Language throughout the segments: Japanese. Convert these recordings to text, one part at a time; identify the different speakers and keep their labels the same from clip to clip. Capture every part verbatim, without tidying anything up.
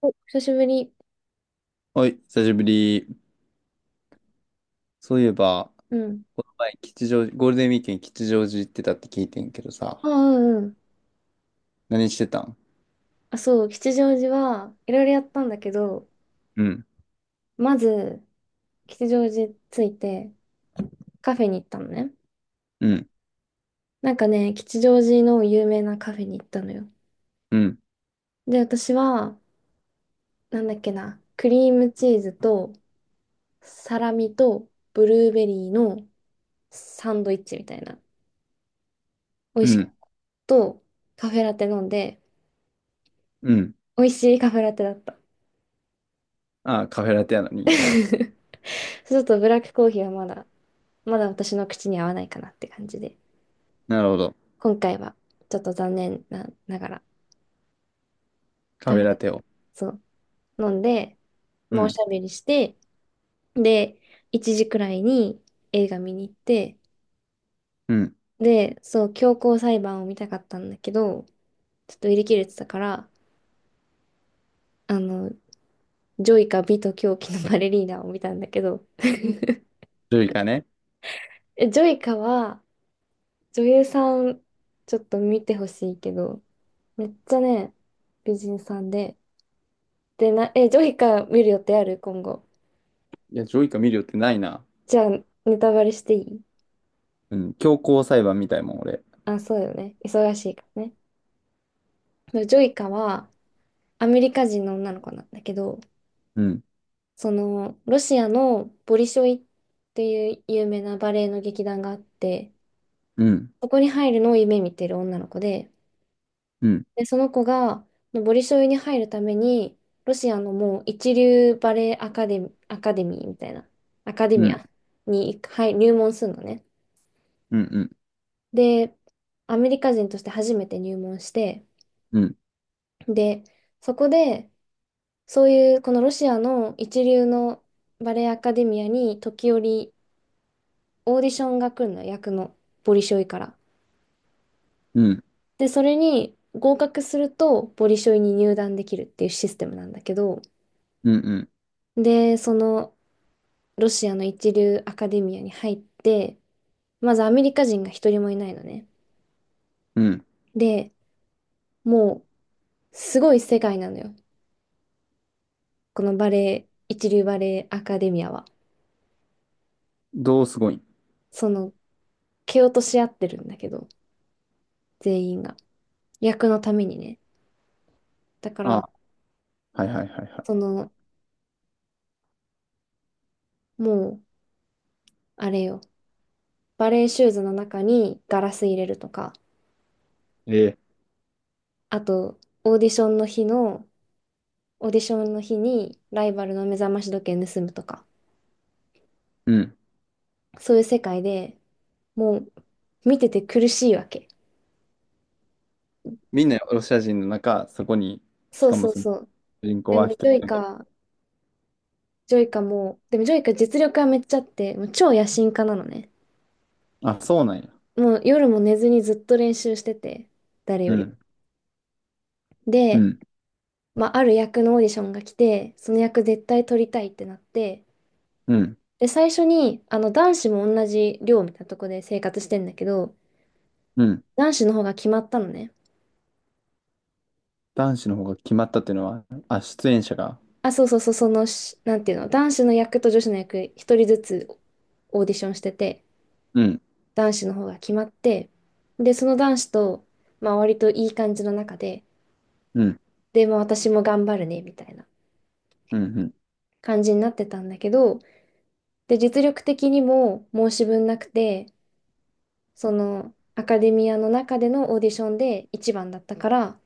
Speaker 1: お、久しぶり。
Speaker 2: はい、久しぶり。そういえば、
Speaker 1: うん。
Speaker 2: この前、吉祥寺、ゴールデンウィークに吉祥寺行ってたって聞いてんけどさ、
Speaker 1: あ、うんうん。
Speaker 2: 何してたん？
Speaker 1: あ、そう、吉祥寺はいろいろやったんだけど、
Speaker 2: うん、
Speaker 1: まず、吉祥寺着いてカフェに行ったのね。
Speaker 2: うん、
Speaker 1: なんかね、吉祥寺の有名なカフェに行ったのよ。
Speaker 2: うん、
Speaker 1: で、私は、なんだっけな、クリームチーズとサラミとブルーベリーのサンドイッチみたいな。美味
Speaker 2: う
Speaker 1: しかっ
Speaker 2: ん、
Speaker 1: た。と、カフェラテ飲んで、
Speaker 2: うん。
Speaker 1: 美味しいカフェラテだった。
Speaker 2: ああ、カフェラテやのに。
Speaker 1: ちょっとブラックコーヒーはまだ、まだ私の口に合わないかなって感じで。
Speaker 2: なるほど。
Speaker 1: 今回はちょっと残念な、ながら、
Speaker 2: カ
Speaker 1: カ
Speaker 2: フ
Speaker 1: フ
Speaker 2: ェラ
Speaker 1: ェ、
Speaker 2: テを。
Speaker 1: そう、飲んで、
Speaker 2: う
Speaker 1: まあ、お
Speaker 2: ん、
Speaker 1: しゃべりして、で、いちじくらいに映画見に行って、
Speaker 2: うん。
Speaker 1: で、そう、強行裁判を見たかったんだけど、ちょっと売り切れてたから、あの、ジョイカ、美と狂気のバレリーナを見たんだけど、
Speaker 2: ジョイカね。
Speaker 1: えジョイカは女優さん、ちょっと見てほしいけど、めっちゃね、美人さんで、でな、え、ジョイカ見る予定ある今後？
Speaker 2: いや、ジョイカ見るよってないな。
Speaker 1: じゃあ、ネタバレしていい？
Speaker 2: うん、強行裁判みたいもん、俺。
Speaker 1: あ、そうよね。忙しいからね。でジョイカはアメリカ人の女の子なんだけど、
Speaker 2: うん、
Speaker 1: その、ロシアのボリショイっていう有名なバレエの劇団があって、
Speaker 2: うん、
Speaker 1: そこに入るのを夢見てる女の子で、
Speaker 2: うん、
Speaker 1: で、その子が、ボリショイに入るために、ロシアのもう一流バレエアカデミ、アカデミーみたいな、アカデ
Speaker 2: う
Speaker 1: ミ
Speaker 2: ん、
Speaker 1: アに入入門するのね。
Speaker 2: うん、うん、
Speaker 1: で、アメリカ人として初めて入門して、
Speaker 2: うん、
Speaker 1: で、そこで、そういうこのロシアの一流のバレエアカデミアに時折オーディションが来るの、役のボリショイから。
Speaker 2: うん、うん、
Speaker 1: で、それに合格するとボリショイに入団できるっていうシステムなんだけど、
Speaker 2: うん。
Speaker 1: で、そのロシアの一流アカデミアに入って、まずアメリカ人が一人もいないのね。
Speaker 2: うん。
Speaker 1: で、もうすごい世界なのよ。このバレエ、一流バレエアカデミアは。
Speaker 2: どうすごいん？
Speaker 1: その、蹴落とし合ってるんだけど、全員が。役のためにね。だか
Speaker 2: あ
Speaker 1: ら、
Speaker 2: あ、はいはいはいは
Speaker 1: その、もう、あれよ、バレーシューズの中にガラス入れるとか、
Speaker 2: い。ええ。
Speaker 1: あと、オーディションの日の、オーディションの日にライバルの目覚まし時計盗むとか、
Speaker 2: うん。
Speaker 1: そういう世界でもう、見てて苦しいわけ。
Speaker 2: みんなロシア人の中、そこに、し
Speaker 1: そう
Speaker 2: かも
Speaker 1: そう
Speaker 2: その
Speaker 1: そう。
Speaker 2: 主人口
Speaker 1: でも、
Speaker 2: は一
Speaker 1: ジ
Speaker 2: 人
Speaker 1: ョイ
Speaker 2: だけ。
Speaker 1: カ、ジョイカも、でも、ジョイカ実力はめっちゃあって、もう超野心家なのね。
Speaker 2: あ、そうなんや。
Speaker 1: もう夜も寝ずにずっと練習してて、誰
Speaker 2: う
Speaker 1: よりも。
Speaker 2: ん、う
Speaker 1: で、
Speaker 2: ん、
Speaker 1: まあ、ある役のオーディションが来て、その役絶対取りたいってなって、
Speaker 2: うん、
Speaker 1: で、最初に、あの、男子も同じ寮みたいなとこで生活してんだけど、
Speaker 2: うん。
Speaker 1: 男子の方が決まったのね。
Speaker 2: 男子の方が決まったっていうのは、あ、出演者が。
Speaker 1: あ、そうそうそう、そのし、なんていうの、男子の役と女子の役、一人ずつオーディションしてて、
Speaker 2: うん、
Speaker 1: 男子の方が決まって、で、その男子と、まあ、割といい感じの中で、
Speaker 2: うん、
Speaker 1: で、まあ、私も頑張るね、みたいな
Speaker 2: うん、うん、
Speaker 1: 感じになってたんだけど、で、実力的にも申し分なくて、その、アカデミアの中でのオーディションで一番だったから、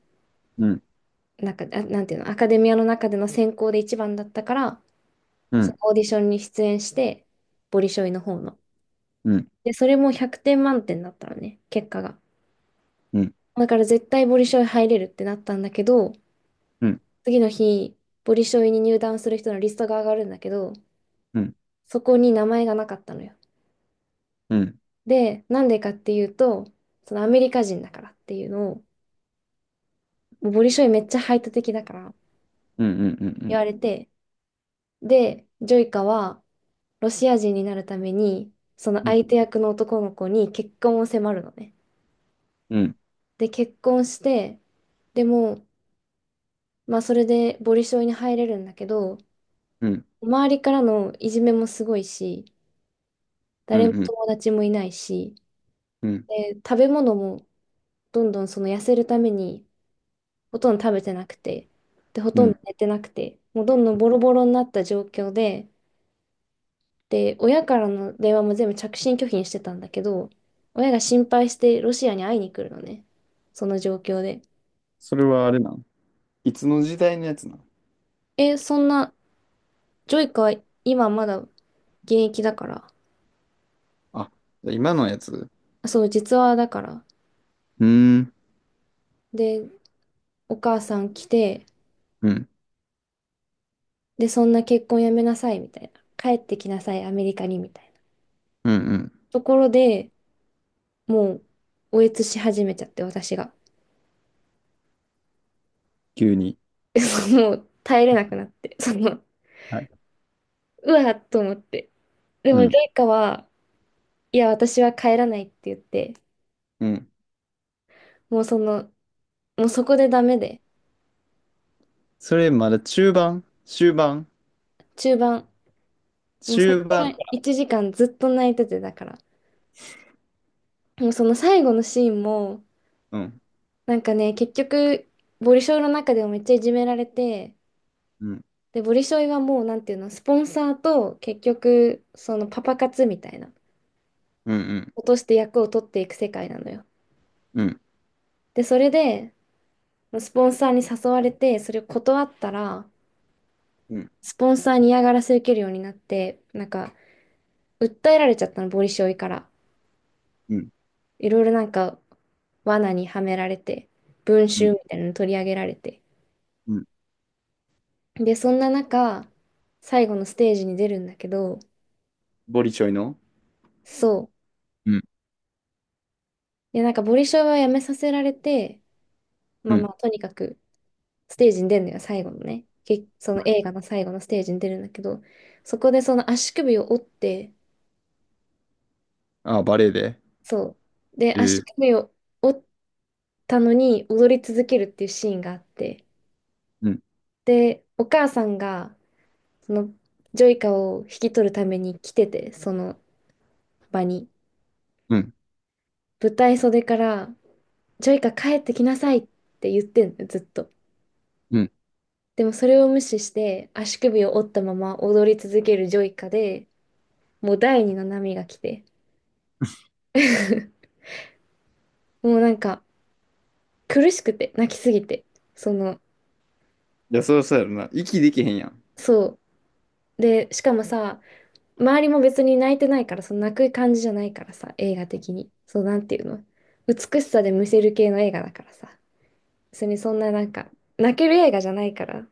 Speaker 2: うん、
Speaker 1: なんか、あ、なんていうの、アカデミアの中での選考で一番だったから、
Speaker 2: う
Speaker 1: そ
Speaker 2: ん、
Speaker 1: のオーディションに出演して、ボリショイの方の。
Speaker 2: うん、
Speaker 1: で、それもひゃくてん満点だったのね、結果が。
Speaker 2: うん、
Speaker 1: だから絶対ボリショイ入れるってなったんだけど、
Speaker 2: うん、
Speaker 1: 次の日、ボリショイに入団する人のリストが上がるんだけど、
Speaker 2: うん、うん、
Speaker 1: そこに名前がなかったのよ。
Speaker 2: うん、
Speaker 1: で、なんでかっていうと、そのアメリカ人だからっていうのを、もうボリショイめっちゃ排他的だから
Speaker 2: うん、うん、う
Speaker 1: 言
Speaker 2: ん、
Speaker 1: われて、で、ジョイカはロシア人になるために、その
Speaker 2: うん、
Speaker 1: 相手役の男の子に結婚を迫るのね。
Speaker 2: うん、
Speaker 1: で、結婚して、でも、まあそれでボリショイに入れるんだけど、
Speaker 2: うん、
Speaker 1: 周りからのいじめもすごいし、誰も友達もいないし、
Speaker 2: うん、
Speaker 1: で、食べ物もどんどんその痩せるためにほとんど食べてなくて、で、ほ
Speaker 2: う
Speaker 1: とんど
Speaker 2: ん。
Speaker 1: 寝てなくて、もうどんどんボロボロになった状況で、で、親からの電話も全部着信拒否にしてたんだけど、親が心配してロシアに会いに来るのね。その状況で。
Speaker 2: それはあれなん？いつの時代のやつなん？
Speaker 1: え、そんな、ジョイカは今まだ現役だから。
Speaker 2: あ、じゃあ今のやつ？う
Speaker 1: あそう、実話だから。
Speaker 2: ーん、
Speaker 1: で、お母さん来て、
Speaker 2: うん、
Speaker 1: で、そんな結婚やめなさい、みたいな。帰ってきなさい、アメリカに、みたいな。
Speaker 2: うん、うん。
Speaker 1: ところで、もう、おえつし始めちゃって、私が。
Speaker 2: 急に。
Speaker 1: そうもう、耐えれなくなって。その、
Speaker 2: はい。
Speaker 1: うわっと思って。でも、
Speaker 2: う
Speaker 1: ジョ
Speaker 2: ん、
Speaker 1: イカは、いや、私は帰らないって言って、
Speaker 2: うん。
Speaker 1: もうその、もうそこでダメで、
Speaker 2: それまだ中盤？終盤？
Speaker 1: 中盤、もうそこ
Speaker 2: 終
Speaker 1: か
Speaker 2: 盤
Speaker 1: ら
Speaker 2: か。
Speaker 1: いちじかんずっと泣いてて、だから。もうその最後のシーンも、
Speaker 2: うん、
Speaker 1: なんかね、結局、ボリショイの中でもめっちゃいじめられて、
Speaker 2: うん、
Speaker 1: で、ボリショイはもう、なんていうの、スポンサーと、結局、そのパパ活みたいな、
Speaker 2: うん、うん、
Speaker 1: 落として役を取っていく世界なのよ。
Speaker 2: うん、
Speaker 1: で、それで、スポンサーに誘われて、それを断ったら、
Speaker 2: うん、
Speaker 1: スポンサーに嫌がらせ受けるようになって、なんか、訴えられちゃったの、ボリショイから。
Speaker 2: うん。
Speaker 1: いろいろなんか罠にはめられて、文
Speaker 2: う
Speaker 1: 集
Speaker 2: ん、
Speaker 1: みたいなの取り上げられて。
Speaker 2: うん。
Speaker 1: で、そんな中、最後のステージに出るんだけど、
Speaker 2: ボリチョイの？
Speaker 1: そ
Speaker 2: うん、
Speaker 1: う。で、なんかボリショイはやめさせられて、ま
Speaker 2: う
Speaker 1: あま
Speaker 2: ん。
Speaker 1: あ、とにかくステージに出るのよ、最後のね。けその映画の最後のステージに出るんだけど、そこでその足首を折って、
Speaker 2: ああ、バレエで。
Speaker 1: そう。で、
Speaker 2: え
Speaker 1: 足
Speaker 2: ー、
Speaker 1: 首を折ったのに踊り続けるっていうシーンがあって、
Speaker 2: うん、
Speaker 1: で、お母さんがそのジョイカを引き取るために来てて、その場に。
Speaker 2: うん、
Speaker 1: 舞台袖から、ジョイカ帰ってきなさいって言ってんの、ずっと。
Speaker 2: うん。
Speaker 1: でもそれを無視して、足首を折ったまま踊り続けるジョイカで、もう第二の波が来て もうなんか苦しくて、泣きすぎて。その、
Speaker 2: いや、そうそうやろな。息できへんやん。
Speaker 1: そう。で、しかもさ、周りも別に泣いてないから、その泣く感じじゃないからさ、映画的に。そう、なんていうの。美しさでむせる系の映画だからさ。別にそんななんか、泣ける映画じゃないから。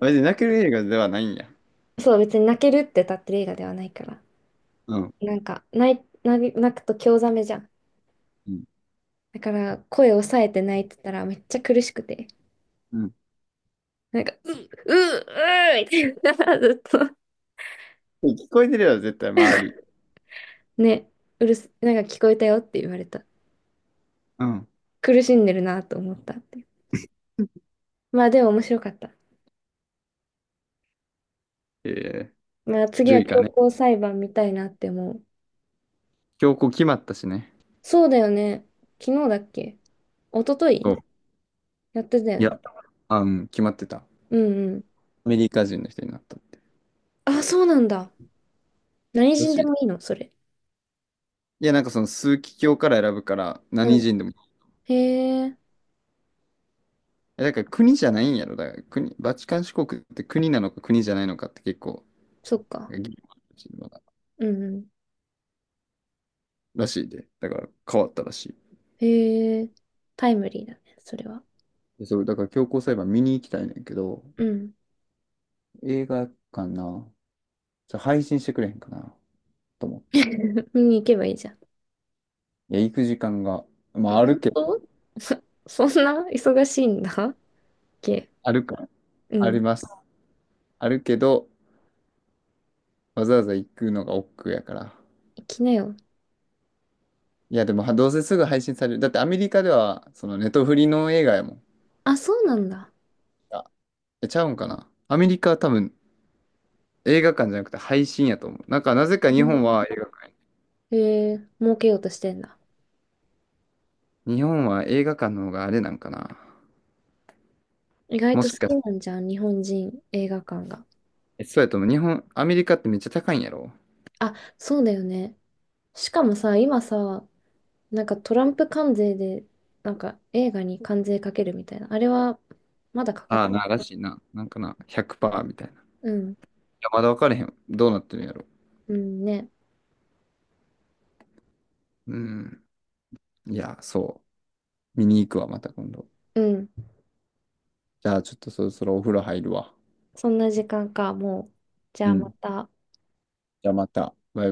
Speaker 2: あれで泣ける映画ではないんや？
Speaker 1: そう、別に泣けるって立ってる映画ではないから。
Speaker 2: うん、
Speaker 1: なんか、泣い、泣泣くと興ざめじゃん。
Speaker 2: うん、
Speaker 1: だから、声を抑えて泣いてたらめっちゃ苦しくて。
Speaker 2: うん。
Speaker 1: なんか、ううううーみたいな、ずっと。
Speaker 2: 聞こえてるやろ、絶対、周り。
Speaker 1: ね、うるす、なんか聞こえたよって言われた。
Speaker 2: うん。
Speaker 1: 苦しんでるなと思ったって。まあでも面白かった。
Speaker 2: えー、
Speaker 1: まあ次
Speaker 2: ジョ
Speaker 1: は
Speaker 2: イか
Speaker 1: 強
Speaker 2: ね。
Speaker 1: 行裁判見たいなって思う。
Speaker 2: 今日こう決まったしね。
Speaker 1: そうだよね。昨日だっけ？一昨
Speaker 2: こ
Speaker 1: 日
Speaker 2: う。
Speaker 1: やってたよ
Speaker 2: い
Speaker 1: ね。
Speaker 2: や、あ、うん、決まってた。
Speaker 1: うんうん。
Speaker 2: アメリカ人の人になった。
Speaker 1: あ、そうなんだ。何
Speaker 2: ら
Speaker 1: 人で
Speaker 2: しい。
Speaker 1: もいいの、それ？
Speaker 2: いや、なんかその枢機卿から選ぶから、
Speaker 1: う
Speaker 2: 何
Speaker 1: ん。
Speaker 2: 人でも。
Speaker 1: へえ、
Speaker 2: え、だから国じゃないんやろ。だから国、バチカン市国って国なのか国じゃないのかって結構、
Speaker 1: そっか。
Speaker 2: なんか議論あるらしい、
Speaker 1: うんうん。
Speaker 2: らしいで。だから変わったらしい。
Speaker 1: へえ、タイムリーだね、それは。
Speaker 2: でそれだから強行裁判見に行きたいねんけど、
Speaker 1: うん。
Speaker 2: 映画館な、じゃ配信してくれへんかなと思って。
Speaker 1: 見に行けばいいじゃん。
Speaker 2: いや、行く時間が、ま
Speaker 1: あ
Speaker 2: ああ
Speaker 1: 本
Speaker 2: るけど、
Speaker 1: 当？そ、そんな忙しいんだっけ？
Speaker 2: あるから、
Speaker 1: う
Speaker 2: あり
Speaker 1: ん。
Speaker 2: ます。あるけど、わざわざ行くのが億劫やから。
Speaker 1: 行きなよ。
Speaker 2: いや、でもはどうせすぐ配信される。だってアメリカでは、そのネトフリの映画やもん。
Speaker 1: あ、そうなんだ。
Speaker 2: あ、えちゃうんかな。アメリカは多分映画館じゃなくて配信やと思う。なんかなぜか
Speaker 1: へ
Speaker 2: 日本は
Speaker 1: え、
Speaker 2: 映画館。
Speaker 1: へえ儲けようとしてんだ。
Speaker 2: 日本は映画館の方があれなんかな。
Speaker 1: 意外
Speaker 2: も
Speaker 1: と
Speaker 2: し
Speaker 1: 好
Speaker 2: か、
Speaker 1: きなんじゃん、日本人映画館が。
Speaker 2: えそうやと思う。日本、アメリカってめっちゃ高いんやろ？
Speaker 1: あ、そうだよね。しかもさ、今さ、なんかトランプ関税で、なんか映画に関税かけるみたいな。あれは、まだかか
Speaker 2: あ
Speaker 1: っ、
Speaker 2: あ、な、らしいな。なんかな、ひゃくパーセントみたいな。い
Speaker 1: うん、
Speaker 2: や、まだ分からへん。どうなってるんやろ。
Speaker 1: うんね。
Speaker 2: うん。いや、そう。見に行くわ、また今度。
Speaker 1: うん。
Speaker 2: じゃあ、ちょっとそろそろお風呂入るわ。
Speaker 1: そんな時間か、もう。じゃ
Speaker 2: う
Speaker 1: あま
Speaker 2: ん。
Speaker 1: た。
Speaker 2: じゃあ、また。バイバイ。